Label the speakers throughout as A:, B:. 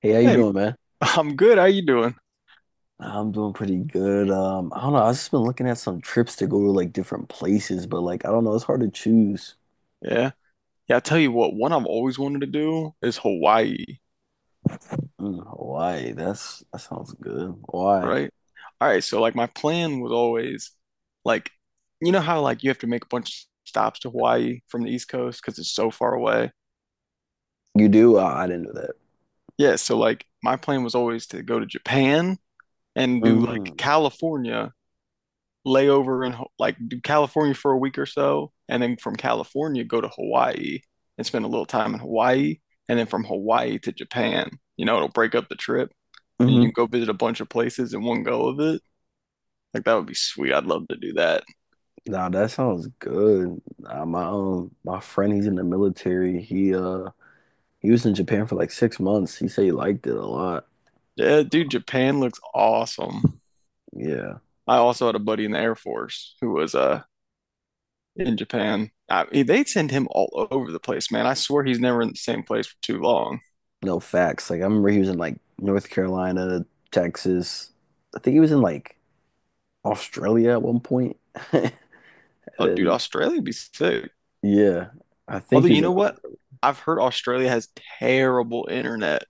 A: Hey, how you
B: Hey,
A: doing, man?
B: I'm good. How you doing?
A: I'm doing pretty good. I don't know. I've just been looking at some trips to go to like different places, but like I don't know, it's hard to choose.
B: Yeah. Yeah, I tell you what, one I've always wanted to do is Hawaii,
A: Mm, Hawaii. That sounds good. Why
B: right? All right, so like my plan was always like you know how like you have to make a bunch of stops to Hawaii from the East Coast because it's so far away.
A: you do? I didn't know that.
B: Yeah, so like my plan was always to go to Japan and do like
A: Mm-hmm.
B: California lay over in like do California for a week or so, and then from California go to Hawaii and spend a little time in Hawaii, and then from Hawaii to Japan. You know, it'll break up the trip, and you
A: Mm-hmm.
B: can go visit a bunch of places in one go of it. Like that would be sweet. I'd love to do that.
A: Nah, that sounds good. Nah, my my friend, he's in the military. He he was in Japan for like 6 months. He said he liked it a lot.
B: Yeah, dude, Japan looks awesome.
A: Yeah.
B: I also had a buddy in the Air Force who was in Japan. They send him all over the place, man. I swear he's never in the same place for too long.
A: No facts. Like I remember he was in like North Carolina, Texas. I think he was in like Australia at one point. And
B: Oh, dude,
A: then
B: Australia'd be sick.
A: yeah, I think
B: Although,
A: he was
B: you
A: in.
B: know what? I've heard Australia has terrible internet,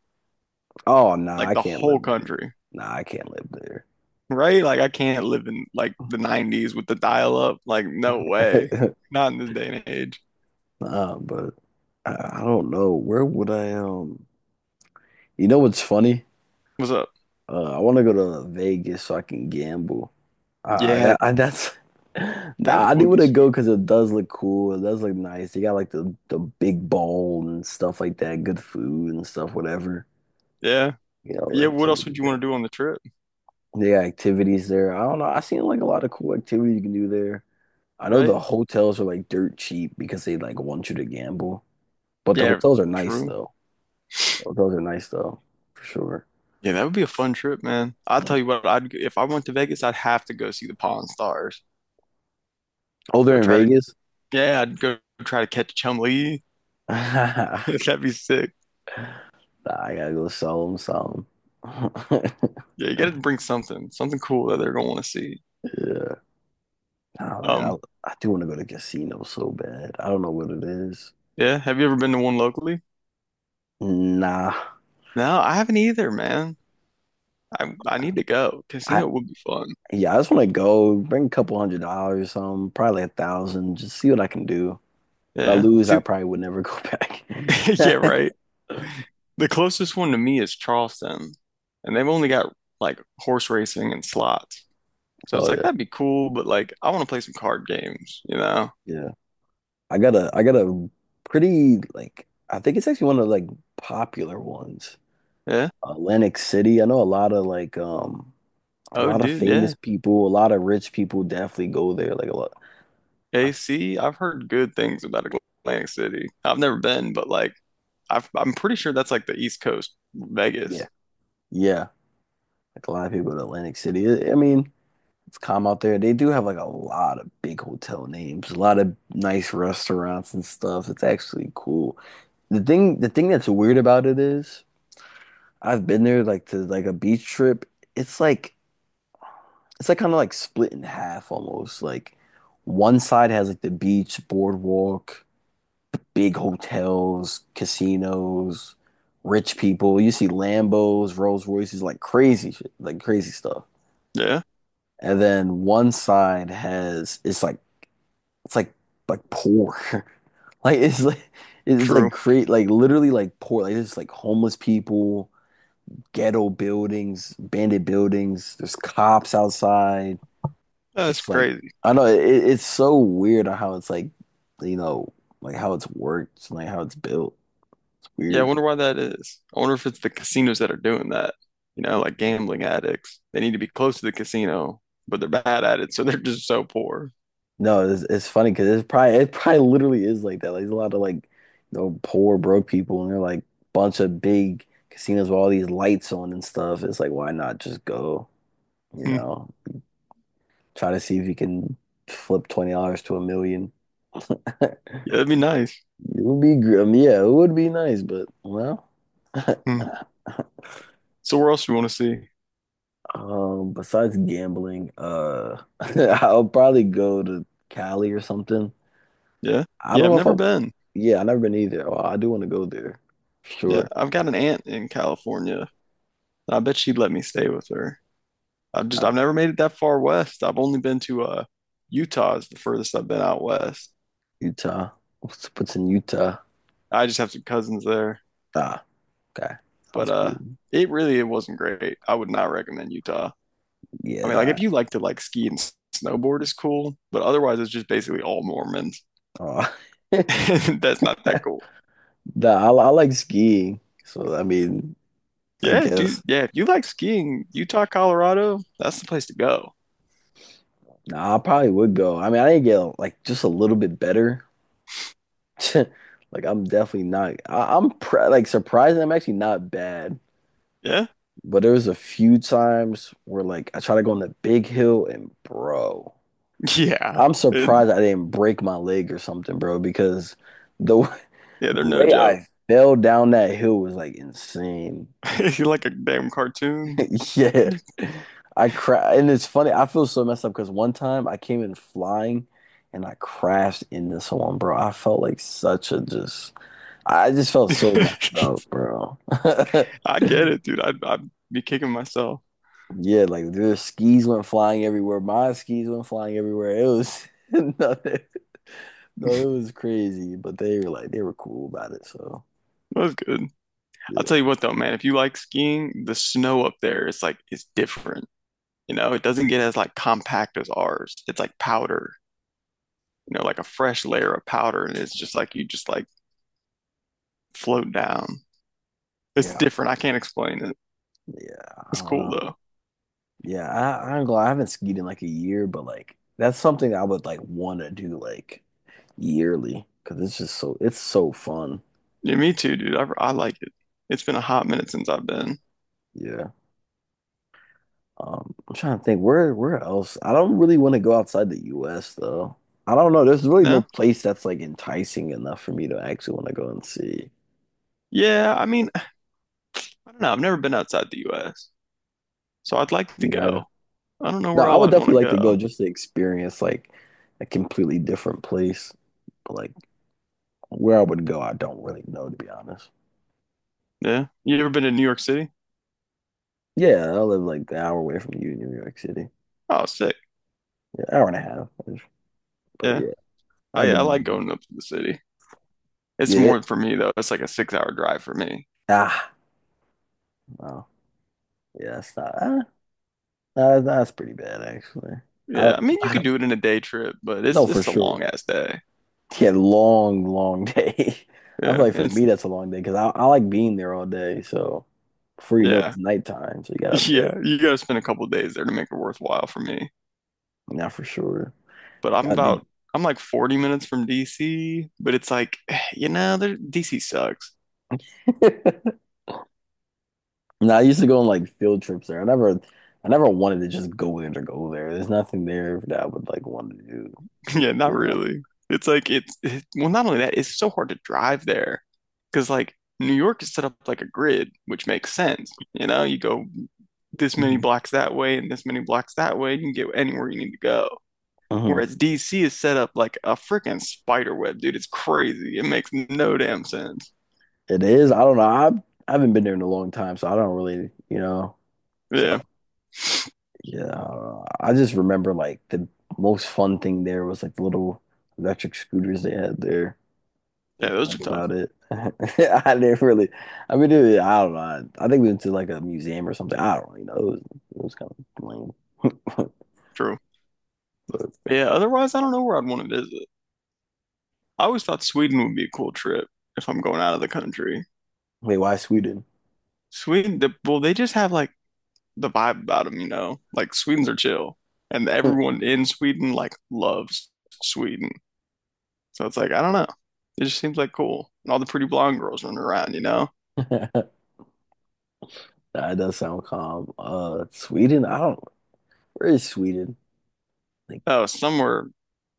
A: Oh nah,
B: like
A: I
B: the
A: can't
B: whole
A: live there.
B: country,
A: Nah, I can't live there.
B: right? Like I can't live in like the 90s with the dial-up. Like no way. Not in this day and age.
A: Nah, but I don't know. Where would I? You know what's funny?
B: What's up?
A: I want to go to Vegas so I can gamble.
B: Yeah,
A: That I, that's.
B: that
A: Nah, I do
B: would be
A: want to go
B: sweet.
A: because it does look cool. It does look nice. You got like the big bowl and stuff like that. Good food and stuff. Whatever
B: Yeah. Yeah, what else would
A: activities.
B: you want to do on the trip,
A: They activities there. I don't know. I seen like a lot of cool activity you can do there. I know the
B: right?
A: hotels are like dirt cheap because they like want you to gamble. But the
B: Yeah,
A: hotels are nice
B: true.
A: though. The hotels are nice though, for sure.
B: Yeah, that would be a fun trip, man. I'll tell
A: Like,
B: you what, I'd if I went to Vegas, I'd have to go see the Pawn Stars.
A: oh,
B: Go
A: they're in
B: try to.
A: Vegas?
B: Yeah, I'd go try to catch Chum Lee. That'd be sick.
A: Nah, I gotta go sell them something.
B: Yeah, you got to bring something, something cool that they're gonna want to see.
A: Yeah. Nah, man,
B: Um,
A: I do want to go to casino so bad. I don't know what it is.
B: yeah, have you ever been to one locally?
A: Nah.
B: No, I haven't either, man. I need to go.
A: I
B: Casino would be fun.
A: yeah, I just want to go bring a couple hundred dollars, or probably a thousand, just see what I can do. If I
B: Yeah.
A: lose, I
B: See,
A: probably would never go
B: yeah,
A: back.
B: right. The closest one to me is Charleston, and they've only got like horse racing and slots. So
A: Oh
B: it's
A: yeah.
B: like that'd be cool, but like I want to play some card games, you know?
A: Yeah. I got a pretty like I think it's actually one of the, like popular ones.
B: Yeah.
A: Atlantic City. I know a lot of like a
B: Oh,
A: lot of
B: dude,
A: famous
B: yeah.
A: people, a lot of rich people definitely go there. Like a lot I,
B: AC, I've heard good things about Atlantic City. I've never been, but like I'm pretty sure that's like the East Coast
A: yeah.
B: Vegas.
A: Yeah. Like a lot of people go to Atlantic City. I mean, it's calm out there. They do have like a lot of big hotel names, a lot of nice restaurants and stuff. It's actually cool. The thing that's weird about it is I've been there like to like a beach trip. It's like it's like kind of like split in half almost. Like one side has like the beach, boardwalk, big hotels, casinos, rich people. You see Lambos, Rolls Royces, like crazy shit, like crazy stuff.
B: Yeah,
A: And then one side has it's like like poor. Like it's like
B: true.
A: create like literally like poor. Like it's like homeless people, ghetto buildings, bandit buildings. There's cops outside.
B: That's
A: Just like
B: crazy.
A: I know it's so weird on how it's like, you know, like how it's worked, like how it's built. It's
B: Yeah, I
A: weird.
B: wonder why that is. I wonder if it's the casinos that are doing that. You know, like
A: Yeah.
B: gambling addicts. They need to be close to the casino, but they're bad at it, so they're just so poor.
A: No, it's funny because it probably literally is like that. Like there's a lot of like, you know, poor broke people, and they're like bunch of big casinos with all these lights on and stuff. It's like why not just go, you
B: Hmm.
A: know, try to see if you can flip $20 to a million.
B: Yeah, that'd be nice.
A: It would be, gr- I mean, yeah, it would be nice, but well,
B: Hmm. So where else do you want to see?
A: besides gambling, I'll probably go to Cali or something.
B: Yeah.
A: I
B: Yeah,
A: don't
B: I've
A: know if I,
B: never been.
A: yeah, I've never been either. Oh, I do want to go there,
B: Yeah,
A: sure.
B: I've got an aunt in California. I bet she'd let me stay with her.
A: Not
B: I've never made it that far west. I've only been to Utah is the furthest I've been out west.
A: Utah. What's in Utah?
B: I just have some cousins there.
A: Ah, okay,
B: But
A: sounds cool.
B: it wasn't great. I would not recommend Utah. I mean, like
A: Yeah,
B: if you like to like ski and snowboard is cool, but otherwise it's just basically all Mormons.
A: uh,
B: That's not that cool.
A: nah, I like skiing, so I mean, I
B: Yeah, dude.
A: guess.
B: Yeah, if you like skiing, Utah, Colorado, that's the place to go.
A: Nah, I probably would go. I mean, I didn't get like just a little bit better. Like I'm definitely not. I'm pr like surprised. I'm actually not bad,
B: Yeah,
A: but there was a few times where like I try to go on the big hill and bro,
B: yeah,
A: I'm
B: and
A: surprised I didn't break my leg or something, bro, because the w-
B: yeah. They're
A: the
B: no
A: way
B: joke.
A: I fell down that hill was like insane.
B: If you like a damn cartoon,
A: Yeah, I cra and it's funny. I feel so messed up because one time I came in flying and I crashed into someone, bro. I felt like such a just. I just felt so messed
B: I
A: up, bro.
B: get it, dude. I'd be kicking myself.
A: Yeah, like their skis went flying everywhere. My skis went flying everywhere. It was nothing. No, it was crazy. But they were cool about it. So
B: That was good. I'll tell
A: yeah,
B: you what though, man. If you like skiing, the snow up there, it's different. You know, it doesn't get as like compact as ours. It's like powder, you know, like a fresh layer of powder, and it's just like you just like float down. It's
A: yeah,
B: different. I can't explain it.
A: yeah. I
B: It's
A: don't
B: cool
A: know.
B: though.
A: Yeah, I ain't gonna, lie, I haven't skied in like a year, but like that's something I would like want to do like yearly because it's so fun.
B: Yeah, me too, dude. I like it. It's been a hot minute since I've been.
A: Yeah. I'm trying to think where else. I don't really want to go outside the US though. I don't know. There's really no
B: No?
A: place that's like enticing enough for me to actually want to go and see.
B: Yeah, I mean, I don't know. I've never been outside the US, so I'd like to
A: Me either.
B: go. I don't know
A: No,
B: where
A: I
B: all
A: would
B: I'd want to
A: definitely like to go
B: go.
A: just to experience like a completely different place. But like where I would go, I don't really know to be honest.
B: Yeah. You ever been to New York City?
A: Yeah, I live like an hour away from you in New York City.
B: Oh, sick.
A: Yeah, hour and a half. But
B: Yeah.
A: yeah, I've
B: I
A: been
B: like
A: here.
B: going up to the city. It's
A: Yeah.
B: more for me though. It's like a 6 hour drive for me.
A: Ah, no. Yeah, that's not ah, that's pretty bad actually. I
B: Yeah, I
A: don't
B: mean you
A: I
B: could do it in a day trip, but
A: No, for
B: it's a
A: sure.
B: long ass day.
A: Yeah, long, long day. I feel
B: Yeah,
A: like for
B: it's
A: me that's a long day because I like being there all day. So before you know it,
B: yeah.
A: it's nighttime, so you gotta dip.
B: Yeah, you gotta spend a couple days there to make it worthwhile for me.
A: Yeah, for sure.
B: But
A: Yeah, they,
B: I'm like 40 minutes from DC, but it's like, you know, there, DC sucks.
A: now I used to go on like field trips there. I never wanted to just go in or go there. There's nothing there that I would like want to do.
B: Yeah, not
A: You know.
B: really. It's like it's it, well, not only that, it's so hard to drive there because like New York is set up like a grid, which makes sense. You know, you go this many
A: Hmm,
B: blocks that way and this many blocks that way, you can get anywhere you need to go.
A: hmm.
B: Whereas DC is set up like a freaking spider web, dude. It's crazy. It makes no damn sense.
A: It is. I don't know. I haven't been there in a long time, so I don't really, you know. So.
B: Yeah.
A: Yeah, I just remember like the most fun thing there was like the little electric scooters they had there.
B: Yeah,
A: That
B: those are
A: was
B: tough.
A: about it. I didn't really, I mean, I don't know. I think we went to like a museum or something. I don't really know. It was kind of lame.
B: True. But yeah, otherwise, I don't know where I'd want to visit. I always thought Sweden would be a cool trip if I'm going out of the country.
A: Wait, why Sweden?
B: Well, they just have like the vibe about them, you know? Like, Swedes are chill. And everyone in Sweden, like, loves Sweden. So it's like, I don't know. It just seems like cool. And all the pretty blonde girls running around, you know?
A: That does sound calm. Sweden? I don't, where is Sweden? Like,
B: Oh, somewhere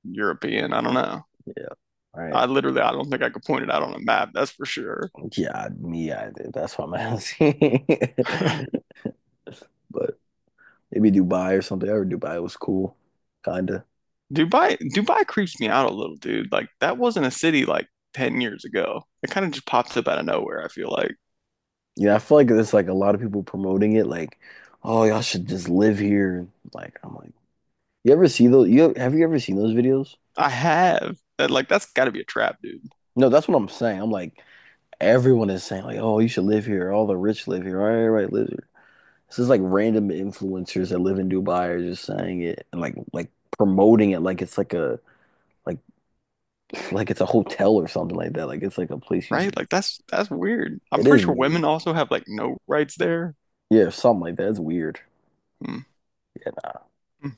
B: European. I don't know.
A: yeah, all right.
B: I literally, I don't think I could point it out on a map, that's for sure.
A: Yeah, me either. That's what I'm asking. But maybe Dubai or something. I heard Dubai was cool, kinda.
B: Dubai creeps me out a little, dude. Like that wasn't a city like 10 years ago. It kind of just pops up out of nowhere, I feel like.
A: Yeah, I feel like there's like a lot of people promoting it, like, oh, y'all should just live here. Like, I'm like, you ever see those? You ever seen those videos?
B: I have that like that's got to be a trap, dude.
A: No, that's what I'm saying. I'm like, everyone is saying like, oh, you should live here. All the rich live here. All right, right, live here. This is like random influencers that live in Dubai are just saying it and like promoting it like it's like a like like it's a hotel or something like that. Like it's like a place you
B: Right?
A: should.
B: Like that's weird. I'm
A: It
B: pretty
A: is
B: sure women
A: weird.
B: also have like no rights there.
A: Yeah, something like that. It's weird.
B: Hmm. Hmm.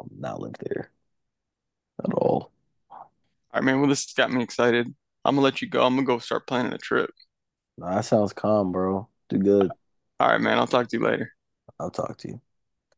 A: I'm not live there at all.
B: All right, man. Well, this has got me excited. I'm gonna let you go. I'm gonna go start planning a trip.
A: Nah, that sounds calm, bro. Do good.
B: All right, man. I'll talk to you later.
A: I'll talk to you.